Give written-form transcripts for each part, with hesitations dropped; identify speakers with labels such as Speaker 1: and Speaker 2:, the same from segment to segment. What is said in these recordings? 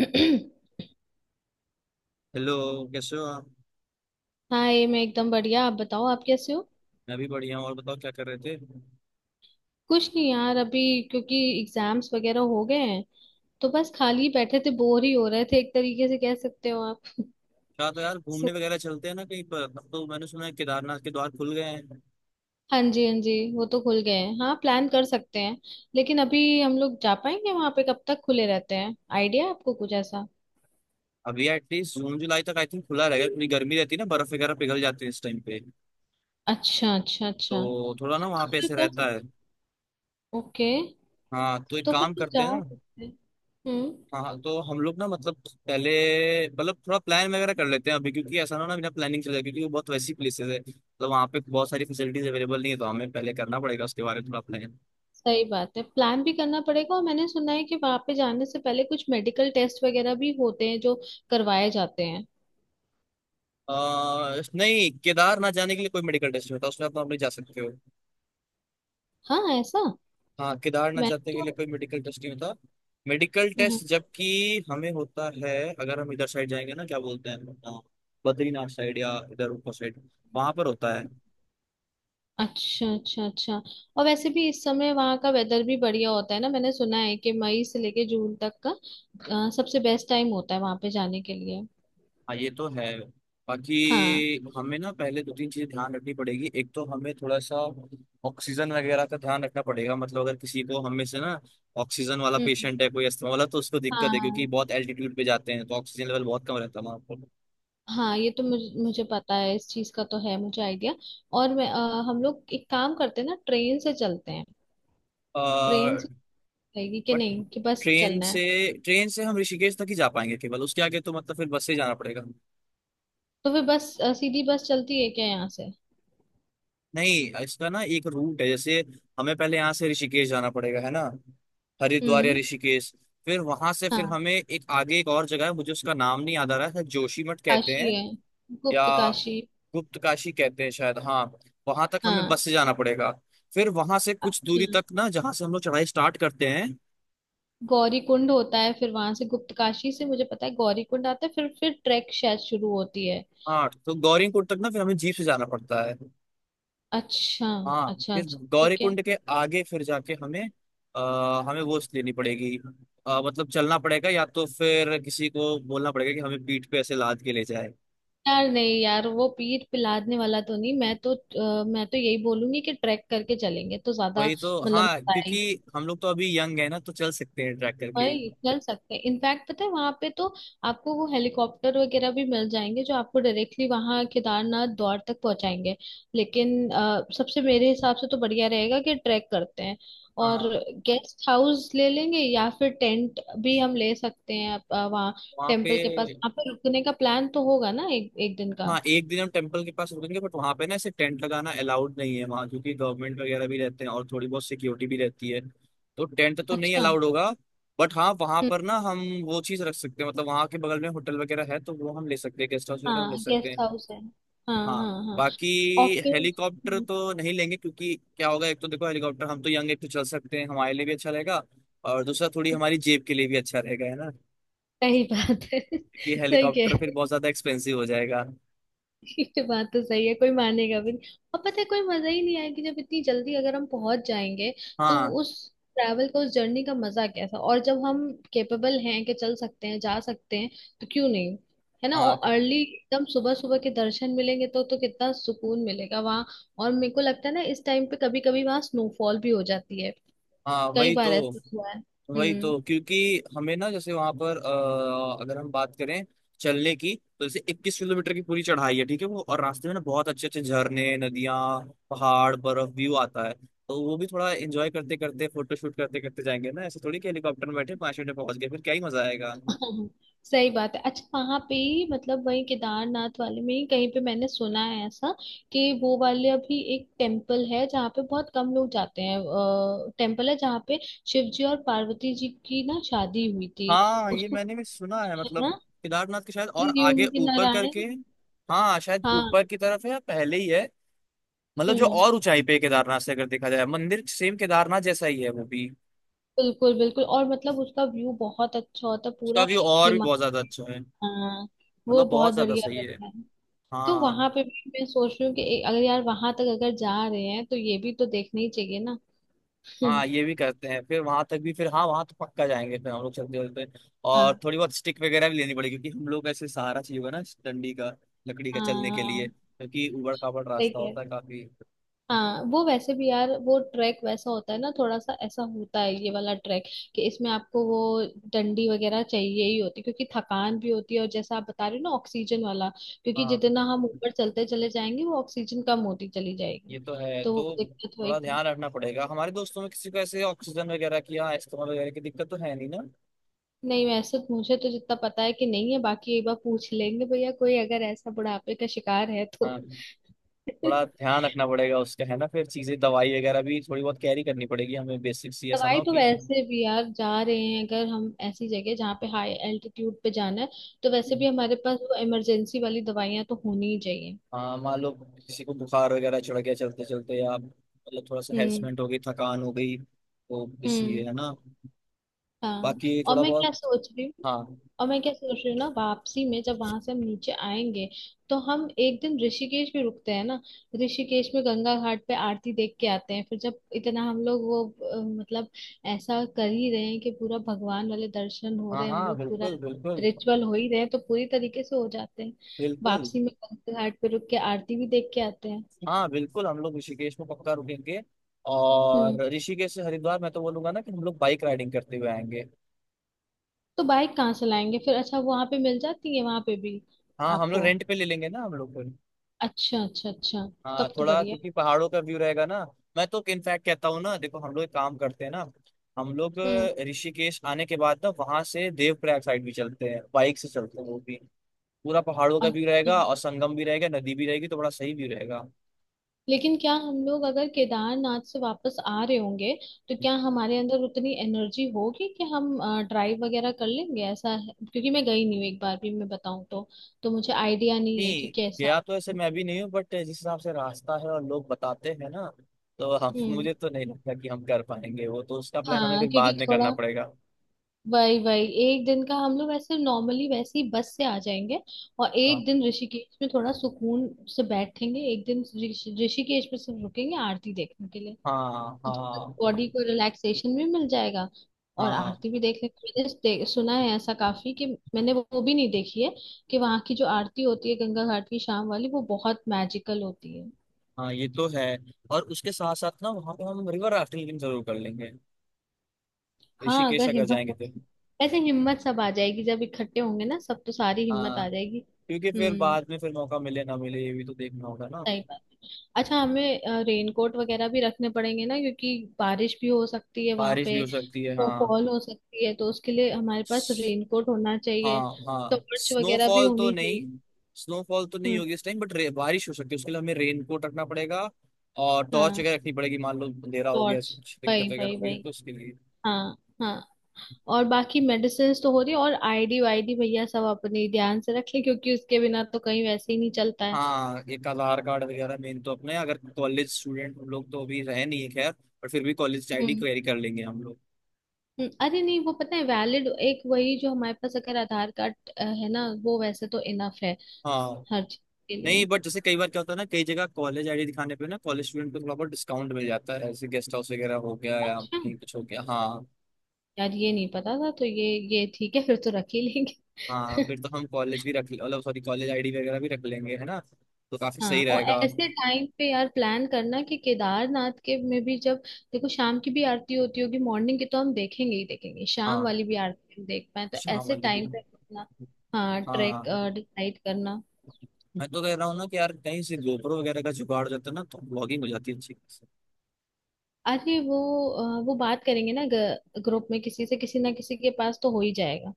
Speaker 1: हाँ,
Speaker 2: हेलो। कैसे हो आप?
Speaker 1: ये मैं एकदम बढ़िया। आप बताओ, आप कैसे हो।
Speaker 2: मैं भी बढ़िया हूँ। और बताओ क्या कर रहे थे?
Speaker 1: कुछ नहीं यार, अभी क्योंकि एग्जाम्स वगैरह हो गए हैं, तो बस खाली बैठे थे, बोर ही हो रहे थे एक तरीके से कह सकते हो आप
Speaker 2: क्या तो यार घूमने
Speaker 1: सो,
Speaker 2: वगैरह चलते हैं ना कहीं पर। अब तो मैंने सुना है केदारनाथ के द्वार खुल गए हैं।
Speaker 1: हाँ जी हाँ जी, वो तो खुल गए हैं। हाँ, प्लान कर सकते हैं। लेकिन अभी हम लोग जा पाएंगे, वहां पे कब तक खुले रहते हैं, आइडिया है आपको कुछ ऐसा।
Speaker 2: अभी एटलीस्ट जून जुलाई तक आई थिंक खुला रहेगा। इतनी गर्मी रहती है ना बर्फ वगैरह पिघल जाती है इस टाइम पे।
Speaker 1: अच्छा अच्छा अच्छा,
Speaker 2: तो थोड़ा ना
Speaker 1: हाँ तो
Speaker 2: वहाँ पे
Speaker 1: फिर
Speaker 2: ऐसे
Speaker 1: कर सकते।
Speaker 2: रहता है।
Speaker 1: ओके,
Speaker 2: हाँ तो एक
Speaker 1: तो फिर
Speaker 2: काम
Speaker 1: तो
Speaker 2: करते
Speaker 1: जा
Speaker 2: हैं ना।
Speaker 1: सकते हैं। हम्म।
Speaker 2: हाँ तो हम लोग ना मतलब पहले मतलब थोड़ा प्लान वगैरह कर लेते हैं अभी, क्योंकि ऐसा ना हो ना बिना प्लानिंग चले जाए, क्योंकि वो बहुत वैसी प्लेसेस है मतलब वहाँ पे बहुत सारी फैसिलिटीज अवेलेबल नहीं है, तो हमें पहले करना पड़ेगा उसके बारे में थोड़ा प्लान।
Speaker 1: सही बात है, प्लान भी करना पड़ेगा। और मैंने सुना है कि वहां पे जाने से पहले कुछ मेडिकल टेस्ट वगैरह भी होते हैं जो करवाए जाते हैं।
Speaker 2: नहीं केदारनाथ जाने के लिए कोई मेडिकल टेस्ट नहीं होता, उसमें आप नॉर्मली जा सकते हो।
Speaker 1: हाँ ऐसा।
Speaker 2: हाँ केदारनाथ
Speaker 1: मैं
Speaker 2: जाने के
Speaker 1: तो।
Speaker 2: लिए कोई मेडिकल टेस्ट नहीं होता। मेडिकल
Speaker 1: हम्म,
Speaker 2: टेस्ट
Speaker 1: हम्म।
Speaker 2: जबकि हमें होता है अगर हम इधर साइड जाएंगे ना। क्या बोलते हैं अ, बद्रीनाथ साइड या इधर ऊपर साइड वहां पर होता है।
Speaker 1: अच्छा अच्छा अच्छा। और वैसे भी इस समय वहाँ का वेदर भी बढ़िया होता है ना। मैंने सुना है कि मई से लेके जून तक का सबसे बेस्ट टाइम होता है वहां पे जाने के लिए।
Speaker 2: हाँ ये तो है।
Speaker 1: हाँ।
Speaker 2: बाकी हमें ना पहले दो तीन चीजें ध्यान रखनी पड़ेगी। एक तो हमें थोड़ा सा ऑक्सीजन वगैरह का ध्यान रखना पड़ेगा, मतलब अगर किसी को हम में से ना ऑक्सीजन वाला
Speaker 1: हम्म।
Speaker 2: पेशेंट है, कोई अस्थमा वाला, तो उसको दिक्कत है क्योंकि
Speaker 1: हाँ,
Speaker 2: बहुत एल्टीट्यूड पे जाते हैं तो ऑक्सीजन लेवल बहुत कम रहता है वहाँ पर।
Speaker 1: हाँ ये तो मुझे मुझे पता है, इस चीज का तो है मुझे आइडिया। और मैं, हम लोग एक काम करते हैं ना, ट्रेन से चलते हैं। ट्रेन रहेगी कि
Speaker 2: बट
Speaker 1: नहीं कि बस
Speaker 2: ट्रेन
Speaker 1: चलना है।
Speaker 2: से ट्रेन से हम ऋषिकेश तक ही जा पाएंगे केवल, उसके आगे तो मतलब फिर बस से ही जाना पड़ेगा।
Speaker 1: तो फिर बस, सीधी बस चलती है क्या यहाँ से।
Speaker 2: नहीं इसका ना एक रूट है। जैसे हमें पहले यहाँ से ऋषिकेश जाना पड़ेगा है ना, हरिद्वार या
Speaker 1: हम्म।
Speaker 2: ऋषिकेश। फिर वहां से फिर
Speaker 1: हाँ,
Speaker 2: हमें एक आगे एक और जगह है, मुझे उसका नाम नहीं याद आ रहा है, शायद जोशीमठ कहते
Speaker 1: काशी
Speaker 2: हैं
Speaker 1: है,
Speaker 2: या
Speaker 1: गुप्त काशी।
Speaker 2: गुप्त काशी कहते हैं शायद। हाँ वहां तक हमें
Speaker 1: हाँ।
Speaker 2: बस से जाना पड़ेगा। फिर वहां से कुछ
Speaker 1: अच्छा,
Speaker 2: दूरी तक ना जहाँ से हम लोग चढ़ाई स्टार्ट करते हैं।
Speaker 1: गौरी कुंड होता है, फिर वहां से गुप्त काशी से मुझे पता है गौरी कुंड आता है, फिर ट्रैक शायद शुरू होती है।
Speaker 2: हाँ तो गौरीकुंड तक ना फिर हमें जीप से जाना पड़ता है।
Speaker 1: अच्छा
Speaker 2: हाँ
Speaker 1: अच्छा अच्छा,
Speaker 2: फिर गौरी
Speaker 1: ठीक है।
Speaker 2: कुंड के आगे फिर जाके हमें हमें वो लेनी पड़ेगी, मतलब चलना पड़ेगा या तो फिर किसी को बोलना पड़ेगा कि हमें पीठ पे ऐसे लाद के ले जाए।
Speaker 1: यार नहीं यार, वो पीठ पिलाने वाला तो नहीं। मैं तो, मैं तो यही बोलूंगी कि ट्रैक करके चलेंगे तो ज्यादा।
Speaker 2: वही तो,
Speaker 1: मतलब
Speaker 2: हाँ क्योंकि हम लोग तो अभी यंग है ना तो चल सकते हैं ट्रैक करके ही।
Speaker 1: वही चल सकते हैं। इनफैक्ट पता है, वहां पे तो आपको वो हेलीकॉप्टर वगैरह भी मिल जाएंगे जो आपको डायरेक्टली वहां केदारनाथ द्वार तक पहुंचाएंगे। लेकिन सबसे मेरे हिसाब से तो बढ़िया रहेगा कि ट्रैक करते हैं। और
Speaker 2: हाँ
Speaker 1: गेस्ट हाउस ले लेंगे या फिर टेंट भी हम ले सकते हैं, वहाँ
Speaker 2: वहाँ पे।
Speaker 1: टेम्पल के पास वहाँ पे रुकने का प्लान तो होगा ना, एक एक दिन का।
Speaker 2: हाँ एक दिन हम टेम्पल के पास रुकेंगे बट वहां पे ना ऐसे टेंट लगाना अलाउड नहीं है वहां, क्योंकि गवर्नमेंट वगैरह भी रहते हैं और थोड़ी बहुत सिक्योरिटी भी रहती है। तो टेंट तो नहीं
Speaker 1: अच्छा।
Speaker 2: अलाउड होगा। बट हाँ वहां
Speaker 1: हम्म।
Speaker 2: पर ना हम वो चीज रख सकते हैं, मतलब वहां के बगल में होटल वगैरह है तो वो हम ले सकते हैं, गेस्ट हाउस वगैरह हम ले
Speaker 1: हाँ
Speaker 2: सकते
Speaker 1: गेस्ट
Speaker 2: हैं।
Speaker 1: हाउस है। हाँ
Speaker 2: हाँ।
Speaker 1: हाँ हाँ।
Speaker 2: बाकी
Speaker 1: और फिर।
Speaker 2: हेलीकॉप्टर
Speaker 1: हम्म,
Speaker 2: तो नहीं लेंगे क्योंकि क्या होगा, एक तो देखो हेलीकॉप्टर, हम तो यंग, एक तो चल सकते हैं हमारे लिए भी अच्छा रहेगा, और दूसरा थोड़ी हमारी जेब के लिए भी अच्छा रहेगा है ना,
Speaker 1: सही बात है
Speaker 2: क्योंकि
Speaker 1: सही
Speaker 2: हेलीकॉप्टर
Speaker 1: कह।
Speaker 2: फिर बहुत ज्यादा एक्सपेंसिव हो जाएगा।
Speaker 1: ये बात तो सही है, कोई मानेगा भी नहीं। और पता है, कोई मजा ही नहीं आएगी जब इतनी जल्दी अगर हम पहुंच जाएंगे। तो
Speaker 2: हाँ।
Speaker 1: उस ट्रैवल का, उस जर्नी का मजा कैसा। और जब हम केपेबल हैं कि चल सकते हैं, जा सकते हैं, तो क्यों नहीं, है ना।
Speaker 2: हाँ,
Speaker 1: और अर्ली एकदम सुबह सुबह के दर्शन मिलेंगे तो कितना सुकून मिलेगा वहां। और मेरे को लगता है ना, इस टाइम पे कभी कभी वहां स्नोफॉल भी हो जाती है।
Speaker 2: हाँ।
Speaker 1: कई
Speaker 2: वही
Speaker 1: बार
Speaker 2: तो,
Speaker 1: ऐसा हुआ है।
Speaker 2: वही
Speaker 1: हम्म।
Speaker 2: तो, क्योंकि हमें ना जैसे वहां पर अगर हम बात करें चलने की, तो जैसे 21 किलोमीटर की पूरी चढ़ाई है, ठीक है वो, और रास्ते में ना बहुत अच्छे अच्छे झरने, नदियाँ, पहाड़, बर्फ व्यू आता है, तो वो भी थोड़ा एंजॉय करते करते फोटो शूट करते करते जाएंगे ना। ऐसे थोड़ी कि हेलीकॉप्टर में बैठे 5 मिनट में पहुंच गए, फिर क्या ही मजा आएगा।
Speaker 1: हाँ, हाँ, सही बात है। अच्छा वहां पे ही मतलब, वही केदारनाथ वाले में ही कहीं पे मैंने सुना है ऐसा कि वो वाले, अभी एक टेम्पल है जहाँ पे बहुत कम लोग जाते हैं, टेम्पल है जहाँ पे शिव जी और पार्वती जी की ना शादी हुई थी।
Speaker 2: हाँ ये
Speaker 1: उसको
Speaker 2: मैंने भी सुना है,
Speaker 1: क्या
Speaker 2: मतलब
Speaker 1: ना,
Speaker 2: केदारनाथ के शायद और आगे
Speaker 1: त्रियुंग
Speaker 2: ऊपर करके।
Speaker 1: नारायण।
Speaker 2: हाँ शायद
Speaker 1: हाँ।
Speaker 2: ऊपर की तरफ है या पहले ही है, मतलब जो
Speaker 1: हम्म।
Speaker 2: और ऊंचाई पे है केदारनाथ से, अगर देखा जाए मंदिर सेम केदारनाथ जैसा ही है वो भी।
Speaker 1: बिल्कुल बिल्कुल, और मतलब उसका व्यू बहुत अच्छा होता है,
Speaker 2: उसका
Speaker 1: पूरा।
Speaker 2: व्यू और भी
Speaker 1: हिमा।
Speaker 2: बहुत ज्यादा अच्छा है,
Speaker 1: हाँ। वो
Speaker 2: मतलब
Speaker 1: बहुत
Speaker 2: बहुत ज्यादा
Speaker 1: बढ़िया
Speaker 2: सही है।
Speaker 1: रहता है। तो
Speaker 2: हाँ।
Speaker 1: वहां पे भी मैं सोच रही हूँ कि ए- अगर यार वहां तक अगर जा रहे हैं तो ये भी तो देखना ही चाहिए ना। हम्म।
Speaker 2: हाँ ये भी करते हैं फिर वहां तक भी, फिर हाँ वहां तो पक्का जाएंगे फिर हम लोग चलते चलते।
Speaker 1: हाँ।
Speaker 2: और थोड़ी बहुत स्टिक वगैरह भी लेनी पड़ेगी, क्योंकि हम लोग ऐसे सहारा चाहिए होगा ना इस डंडी का, लकड़ी का, चलने के लिए,
Speaker 1: हाँ,
Speaker 2: क्योंकि ऊबड़ खाबड़
Speaker 1: सही
Speaker 2: रास्ता
Speaker 1: कह रहे।
Speaker 2: होता है काफी।
Speaker 1: हाँ, वो वैसे भी यार वो ट्रैक वैसा होता है ना, थोड़ा सा ऐसा होता है ये वाला ट्रैक कि इसमें आपको वो डंडी वगैरह चाहिए ही होती है, क्योंकि थकान भी होती है। और जैसा आप बता रहे हो ना, ऑक्सीजन वाला, क्योंकि
Speaker 2: हाँ
Speaker 1: जितना हम ऊपर चलते चले जाएंगे वो ऑक्सीजन कम होती चली जाएगी।
Speaker 2: ये तो है।
Speaker 1: तो
Speaker 2: तो
Speaker 1: वो दिक्कत
Speaker 2: थोड़ा
Speaker 1: होगी।
Speaker 2: ध्यान रखना पड़ेगा हमारे दोस्तों में किसी को ऐसे ऑक्सीजन वगैरह की या अस्थमा वगैरह की दिक्कत तो है नहीं ना।
Speaker 1: नहीं, वैसे तो मुझे तो जितना पता है कि नहीं है। बाकी एक बार पूछ लेंगे, भैया कोई अगर ऐसा बुढ़ापे का शिकार है तो
Speaker 2: हाँ थोड़ा ध्यान रखना पड़ेगा उसका है ना, फिर चीजें दवाई वगैरह भी थोड़ी बहुत कैरी करनी पड़ेगी हमें बेसिक सी, ऐसा ना
Speaker 1: दवाई
Speaker 2: हो
Speaker 1: तो
Speaker 2: कि।
Speaker 1: वैसे भी यार, जा रहे हैं अगर हम ऐसी जगह जहाँ पे हाई एल्टीट्यूड पे जाना है, तो वैसे भी हमारे पास वो इमरजेंसी वाली दवाइयाँ तो होनी ही चाहिए।
Speaker 2: हाँ मान लो किसी को बुखार वगैरह चढ़ गया चलते चलते, या मतलब थोड़ा सा
Speaker 1: हम्म।
Speaker 2: हेरसमेंट हो गई, थकान हो गई, तो इसलिए
Speaker 1: हम्म।
Speaker 2: है ना।
Speaker 1: हाँ।
Speaker 2: बाकी
Speaker 1: और
Speaker 2: थोड़ा
Speaker 1: मैं
Speaker 2: बहुत।
Speaker 1: क्या सोच रही हूँ।
Speaker 2: हाँ।
Speaker 1: और मैं क्या सोच रही हूँ ना, वापसी में जब वहां से हम नीचे आएंगे तो हम एक दिन ऋषिकेश भी रुकते हैं ना। ऋषिकेश में गंगा घाट पे आरती देख के आते हैं। फिर जब इतना हम लोग वो, मतलब ऐसा कर ही रहे हैं कि पूरा भगवान वाले दर्शन हो
Speaker 2: हाँ,
Speaker 1: रहे हैं, हम
Speaker 2: हाँ,
Speaker 1: लोग पूरा
Speaker 2: बिल्कुल बिल्कुल।
Speaker 1: रिचुअल हो ही रहे हैं, तो पूरी तरीके से हो जाते हैं।
Speaker 2: बिल्कुल।
Speaker 1: वापसी में गंगा घाट पे रुक के आरती भी देख के आते हैं।
Speaker 2: हाँ बिल्कुल हम लोग ऋषिकेश में पक्का रुकेंगे।
Speaker 1: हम्म।
Speaker 2: और ऋषिकेश से हरिद्वार मैं तो बोलूंगा ना कि हम लोग बाइक राइडिंग करते हुए आएंगे।
Speaker 1: तो बाइक कहाँ से लाएंगे फिर, अच्छा वहां पे मिल जाती है वहां पे भी
Speaker 2: हाँ हम लोग
Speaker 1: आपको।
Speaker 2: रेंट पे ले लेंगे ना हम लोग।
Speaker 1: अच्छा अच्छा अच्छा।
Speaker 2: हाँ
Speaker 1: तब तो
Speaker 2: थोड़ा
Speaker 1: बढ़िया।
Speaker 2: क्योंकि पहाड़ों का व्यू रहेगा ना। मैं तो इनफैक्ट कहता हूँ ना, देखो हम लोग एक काम करते हैं ना। हम लोग
Speaker 1: हम्म।
Speaker 2: ऋषिकेश आने के बाद ना वहां से देवप्रयाग साइड भी चलते हैं, बाइक से चलते हैं वो भी। पूरा पहाड़ों का व्यू
Speaker 1: अच्छा,
Speaker 2: रहेगा और संगम भी रहेगा, नदी भी रहेगी, तो बड़ा सही व्यू रहेगा।
Speaker 1: लेकिन क्या हम लोग अगर केदारनाथ से वापस आ रहे होंगे तो क्या हमारे अंदर उतनी एनर्जी होगी कि हम ड्राइव वगैरह कर लेंगे, ऐसा है क्योंकि मैं गई नहीं हूँ एक बार भी, मैं बताऊँ तो। तो मुझे आइडिया नहीं है कि
Speaker 2: नहीं
Speaker 1: कैसा।
Speaker 2: गया तो ऐसे मैं भी नहीं हूँ, बट जिस हिसाब से रास्ता है और लोग बताते हैं ना, तो हम,
Speaker 1: हम्म।
Speaker 2: मुझे तो नहीं लगता कि हम कर पाएंगे वो, तो उसका प्लान हमें
Speaker 1: हाँ
Speaker 2: फिर बाद
Speaker 1: क्योंकि
Speaker 2: में करना
Speaker 1: थोड़ा,
Speaker 2: पड़ेगा।
Speaker 1: वही वही एक दिन का हम लोग ऐसे नॉर्मली वैसे ही बस से आ जाएंगे। और
Speaker 2: हाँ।
Speaker 1: एक दिन ऋषिकेश में थोड़ा सुकून से बैठेंगे, एक दिन ऋषिकेश में सिर्फ रुकेंगे आरती देखने के लिए।
Speaker 2: हाँ,
Speaker 1: बॉडी
Speaker 2: हाँ।
Speaker 1: को रिलैक्सेशन भी मिल जाएगा। और
Speaker 2: हाँ।
Speaker 1: आरती भी देख लेंगे। मैंने सुना है ऐसा काफी कि, मैंने वो भी नहीं देखी है कि वहां की जो आरती होती है गंगा घाट की शाम वाली, वो बहुत मैजिकल होती है।
Speaker 2: हाँ ये तो है। और उसके साथ साथ ना वहाँ पे हम रिवर राफ्टिंग जरूर कर लेंगे
Speaker 1: हाँ
Speaker 2: ऋषिकेश
Speaker 1: अगर
Speaker 2: अगर
Speaker 1: हिम्मत।
Speaker 2: जाएंगे तो।
Speaker 1: वैसे हिम्मत सब आ जाएगी, जब इकट्ठे होंगे ना सब, तो सारी हिम्मत
Speaker 2: हाँ
Speaker 1: आ जाएगी।
Speaker 2: क्योंकि फिर
Speaker 1: हम्म।
Speaker 2: बाद में फिर मौका मिले ना मिले ये भी तो देखना होगा ना।
Speaker 1: सही बात है। अच्छा, हमें रेनकोट वगैरह भी रखने पड़ेंगे ना, क्योंकि बारिश भी हो सकती है वहां
Speaker 2: बारिश भी
Speaker 1: पे,
Speaker 2: हो सकती है
Speaker 1: तो
Speaker 2: हाँ।
Speaker 1: फॉल हो सकती है, तो उसके लिए हमारे पास रेनकोट होना
Speaker 2: हाँ,
Speaker 1: चाहिए।
Speaker 2: हाँ।
Speaker 1: टॉर्च वगैरह भी
Speaker 2: स्नोफॉल तो
Speaker 1: होनी
Speaker 2: नहीं,
Speaker 1: चाहिए।
Speaker 2: स्नोफॉल तो नहीं
Speaker 1: हम्म।
Speaker 2: होगी इस टाइम, बट बारिश हो सकती है, उसके लिए हमें रेनकोट रखना पड़ेगा। और टॉर्च
Speaker 1: हाँ,
Speaker 2: वगैरह रखनी पड़ेगी, मान लो अंधेरा हो गया
Speaker 1: टॉर्च।
Speaker 2: ऐसी कुछ
Speaker 1: भाई
Speaker 2: दिक्कत वगैरह
Speaker 1: भाई
Speaker 2: होगी
Speaker 1: भाई।
Speaker 2: तो उसके लिए।
Speaker 1: हाँ। हाँ। और बाकी मेडिसिन तो हो रही है, और आईडी वाईडी भैया सब अपनी ध्यान से रखें, क्योंकि उसके बिना तो कहीं वैसे ही नहीं चलता है।
Speaker 2: हाँ एक आधार कार्ड वगैरह मेन तो, अपने अगर कॉलेज स्टूडेंट हम लोग तो अभी रहे नहीं है खैर, पर फिर भी कॉलेज आईडी
Speaker 1: हम्म।
Speaker 2: क्वेरी कर लेंगे हम लोग।
Speaker 1: अरे नहीं, वो पता है वैलिड एक वही, जो हमारे पास अगर आधार कार्ड है ना, वो वैसे तो इनफ है
Speaker 2: हाँ
Speaker 1: हर चीज के
Speaker 2: नहीं
Speaker 1: लिए।
Speaker 2: बट जैसे कई बार क्या होता है ना, कई जगह कॉलेज आईडी दिखाने पे ना कॉलेज स्टूडेंट को थोड़ा बहुत डिस्काउंट मिल जाता है, ऐसे गेस्ट हाउस वगैरह हो गया या
Speaker 1: अच्छा
Speaker 2: कहीं कुछ हो गया। हाँ।
Speaker 1: यार, ये नहीं पता था, तो ये ठीक है फिर तो रख ही लेंगे
Speaker 2: हाँ फिर तो हम कॉलेज भी रख मतलब सॉरी कॉलेज आईडी वगैरह भी रख लेंगे है ना, तो काफी सही
Speaker 1: हाँ। और
Speaker 2: रहेगा।
Speaker 1: ऐसे टाइम पे यार प्लान करना कि केदारनाथ के में भी जब, देखो शाम की भी आरती होती होगी, मॉर्निंग की तो हम देखेंगे ही देखेंगे, शाम
Speaker 2: हाँ
Speaker 1: वाली भी आरती हम देख पाए तो
Speaker 2: शाम
Speaker 1: ऐसे
Speaker 2: वाली भी।
Speaker 1: टाइम पे अपना। हाँ, ट्रैक
Speaker 2: हाँ
Speaker 1: डिसाइड करना।
Speaker 2: मैं तो कह रहा हूँ ना कि यार कहीं से गोप्रो वगैरह का जुगाड़ हो जाता है ना तो ब्लॉगिंग हो जाती है अच्छी।
Speaker 1: अरे वो, वो बात करेंगे ना ग्रुप में किसी से, किसी ना किसी के पास तो हो ही जाएगा।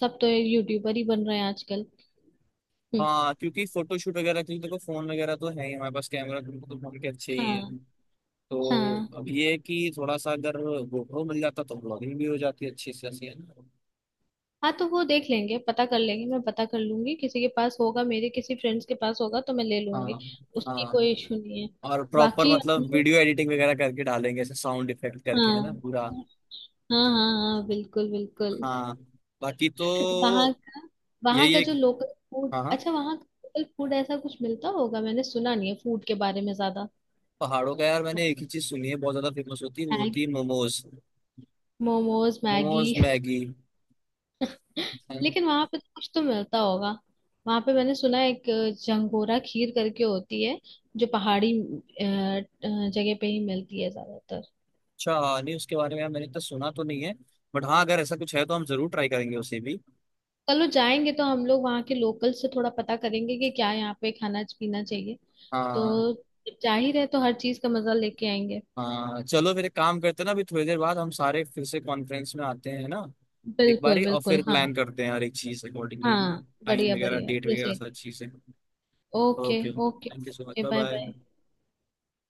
Speaker 1: सब तो यूट्यूबर ही बन रहे हैं आजकल। हम्म,
Speaker 2: हाँ क्योंकि फोटोशूट वगैरह के लिए देखो फोन वगैरह तो है ही हमारे पास, कैमरा तो फोन के अच्छे ही
Speaker 1: हाँ
Speaker 2: हैं। तो
Speaker 1: हाँ
Speaker 2: अब ये है कि थोड़ा सा अगर गोप्रो मिल जाता तो ब्लॉगिंग भी हो जाती अच्छी से अच्छी है ना।
Speaker 1: हाँ। तो वो देख लेंगे, पता कर लेंगे। मैं पता कर लूंगी, किसी के पास होगा मेरे किसी फ्रेंड्स के पास होगा तो मैं ले लूंगी।
Speaker 2: हाँ।
Speaker 1: उसकी
Speaker 2: हाँ।
Speaker 1: कोई इशू नहीं है।
Speaker 2: और प्रॉपर
Speaker 1: बाकी हम
Speaker 2: मतलब
Speaker 1: लोग।
Speaker 2: वीडियो एडिटिंग वगैरह करके डालेंगे ऐसे साउंड इफेक्ट करके है ना
Speaker 1: हाँ।
Speaker 2: पूरा।
Speaker 1: हाँ हाँ हाँ, बिल्कुल बिल्कुल
Speaker 2: हाँ बाकी
Speaker 1: वहाँ
Speaker 2: तो।
Speaker 1: का, वहाँ
Speaker 2: यही
Speaker 1: का
Speaker 2: एक।
Speaker 1: जो लोकल फूड,
Speaker 2: हाँ, हाँ।
Speaker 1: अच्छा वहाँ का लोकल फूड ऐसा कुछ मिलता होगा, मैंने सुना नहीं है फूड के बारे में ज्यादा।
Speaker 2: पहाड़ों का यार मैंने एक ही चीज सुनी है बहुत ज्यादा फेमस होती है, वो होती है
Speaker 1: Maggi,
Speaker 2: momos.
Speaker 1: Momos Maggi.
Speaker 2: Momos Maggi.
Speaker 1: लेकिन वहां पे तो कुछ तो मिलता होगा। वहां पे मैंने सुना है एक जंगोरा खीर करके होती है, जो पहाड़ी जगह पे ही मिलती है ज्यादातर।
Speaker 2: अच्छा नहीं उसके बारे में यार मैंने इतना सुना तो नहीं है, बट हाँ अगर ऐसा कुछ है तो हम जरूर ट्राई करेंगे उसे भी।
Speaker 1: चलो, जाएंगे तो हम लोग वहाँ के लोकल से थोड़ा पता करेंगे कि क्या यहाँ पे खाना पीना चाहिए।
Speaker 2: हाँ।
Speaker 1: तो जब जा ही रहे तो हर चीज का मजा लेके आएंगे।
Speaker 2: हाँ चलो फिर एक काम करते हैं ना, अभी थोड़ी देर बाद हम सारे फिर से कॉन्फ्रेंस में आते हैं ना, एक
Speaker 1: बिल्कुल
Speaker 2: बारी और
Speaker 1: बिल्कुल।
Speaker 2: फिर
Speaker 1: हाँ।
Speaker 2: प्लान करते हैं हर एक चीज अकॉर्डिंगली ना,
Speaker 1: हाँ
Speaker 2: टाइम
Speaker 1: बढ़िया
Speaker 2: वगैरह
Speaker 1: बढ़िया
Speaker 2: डेट
Speaker 1: ये
Speaker 2: वगैरह
Speaker 1: से।
Speaker 2: सारी चीजें।
Speaker 1: Okay.
Speaker 2: Okay thank you so much,
Speaker 1: okay,
Speaker 2: bye
Speaker 1: bye bye.
Speaker 2: Bye.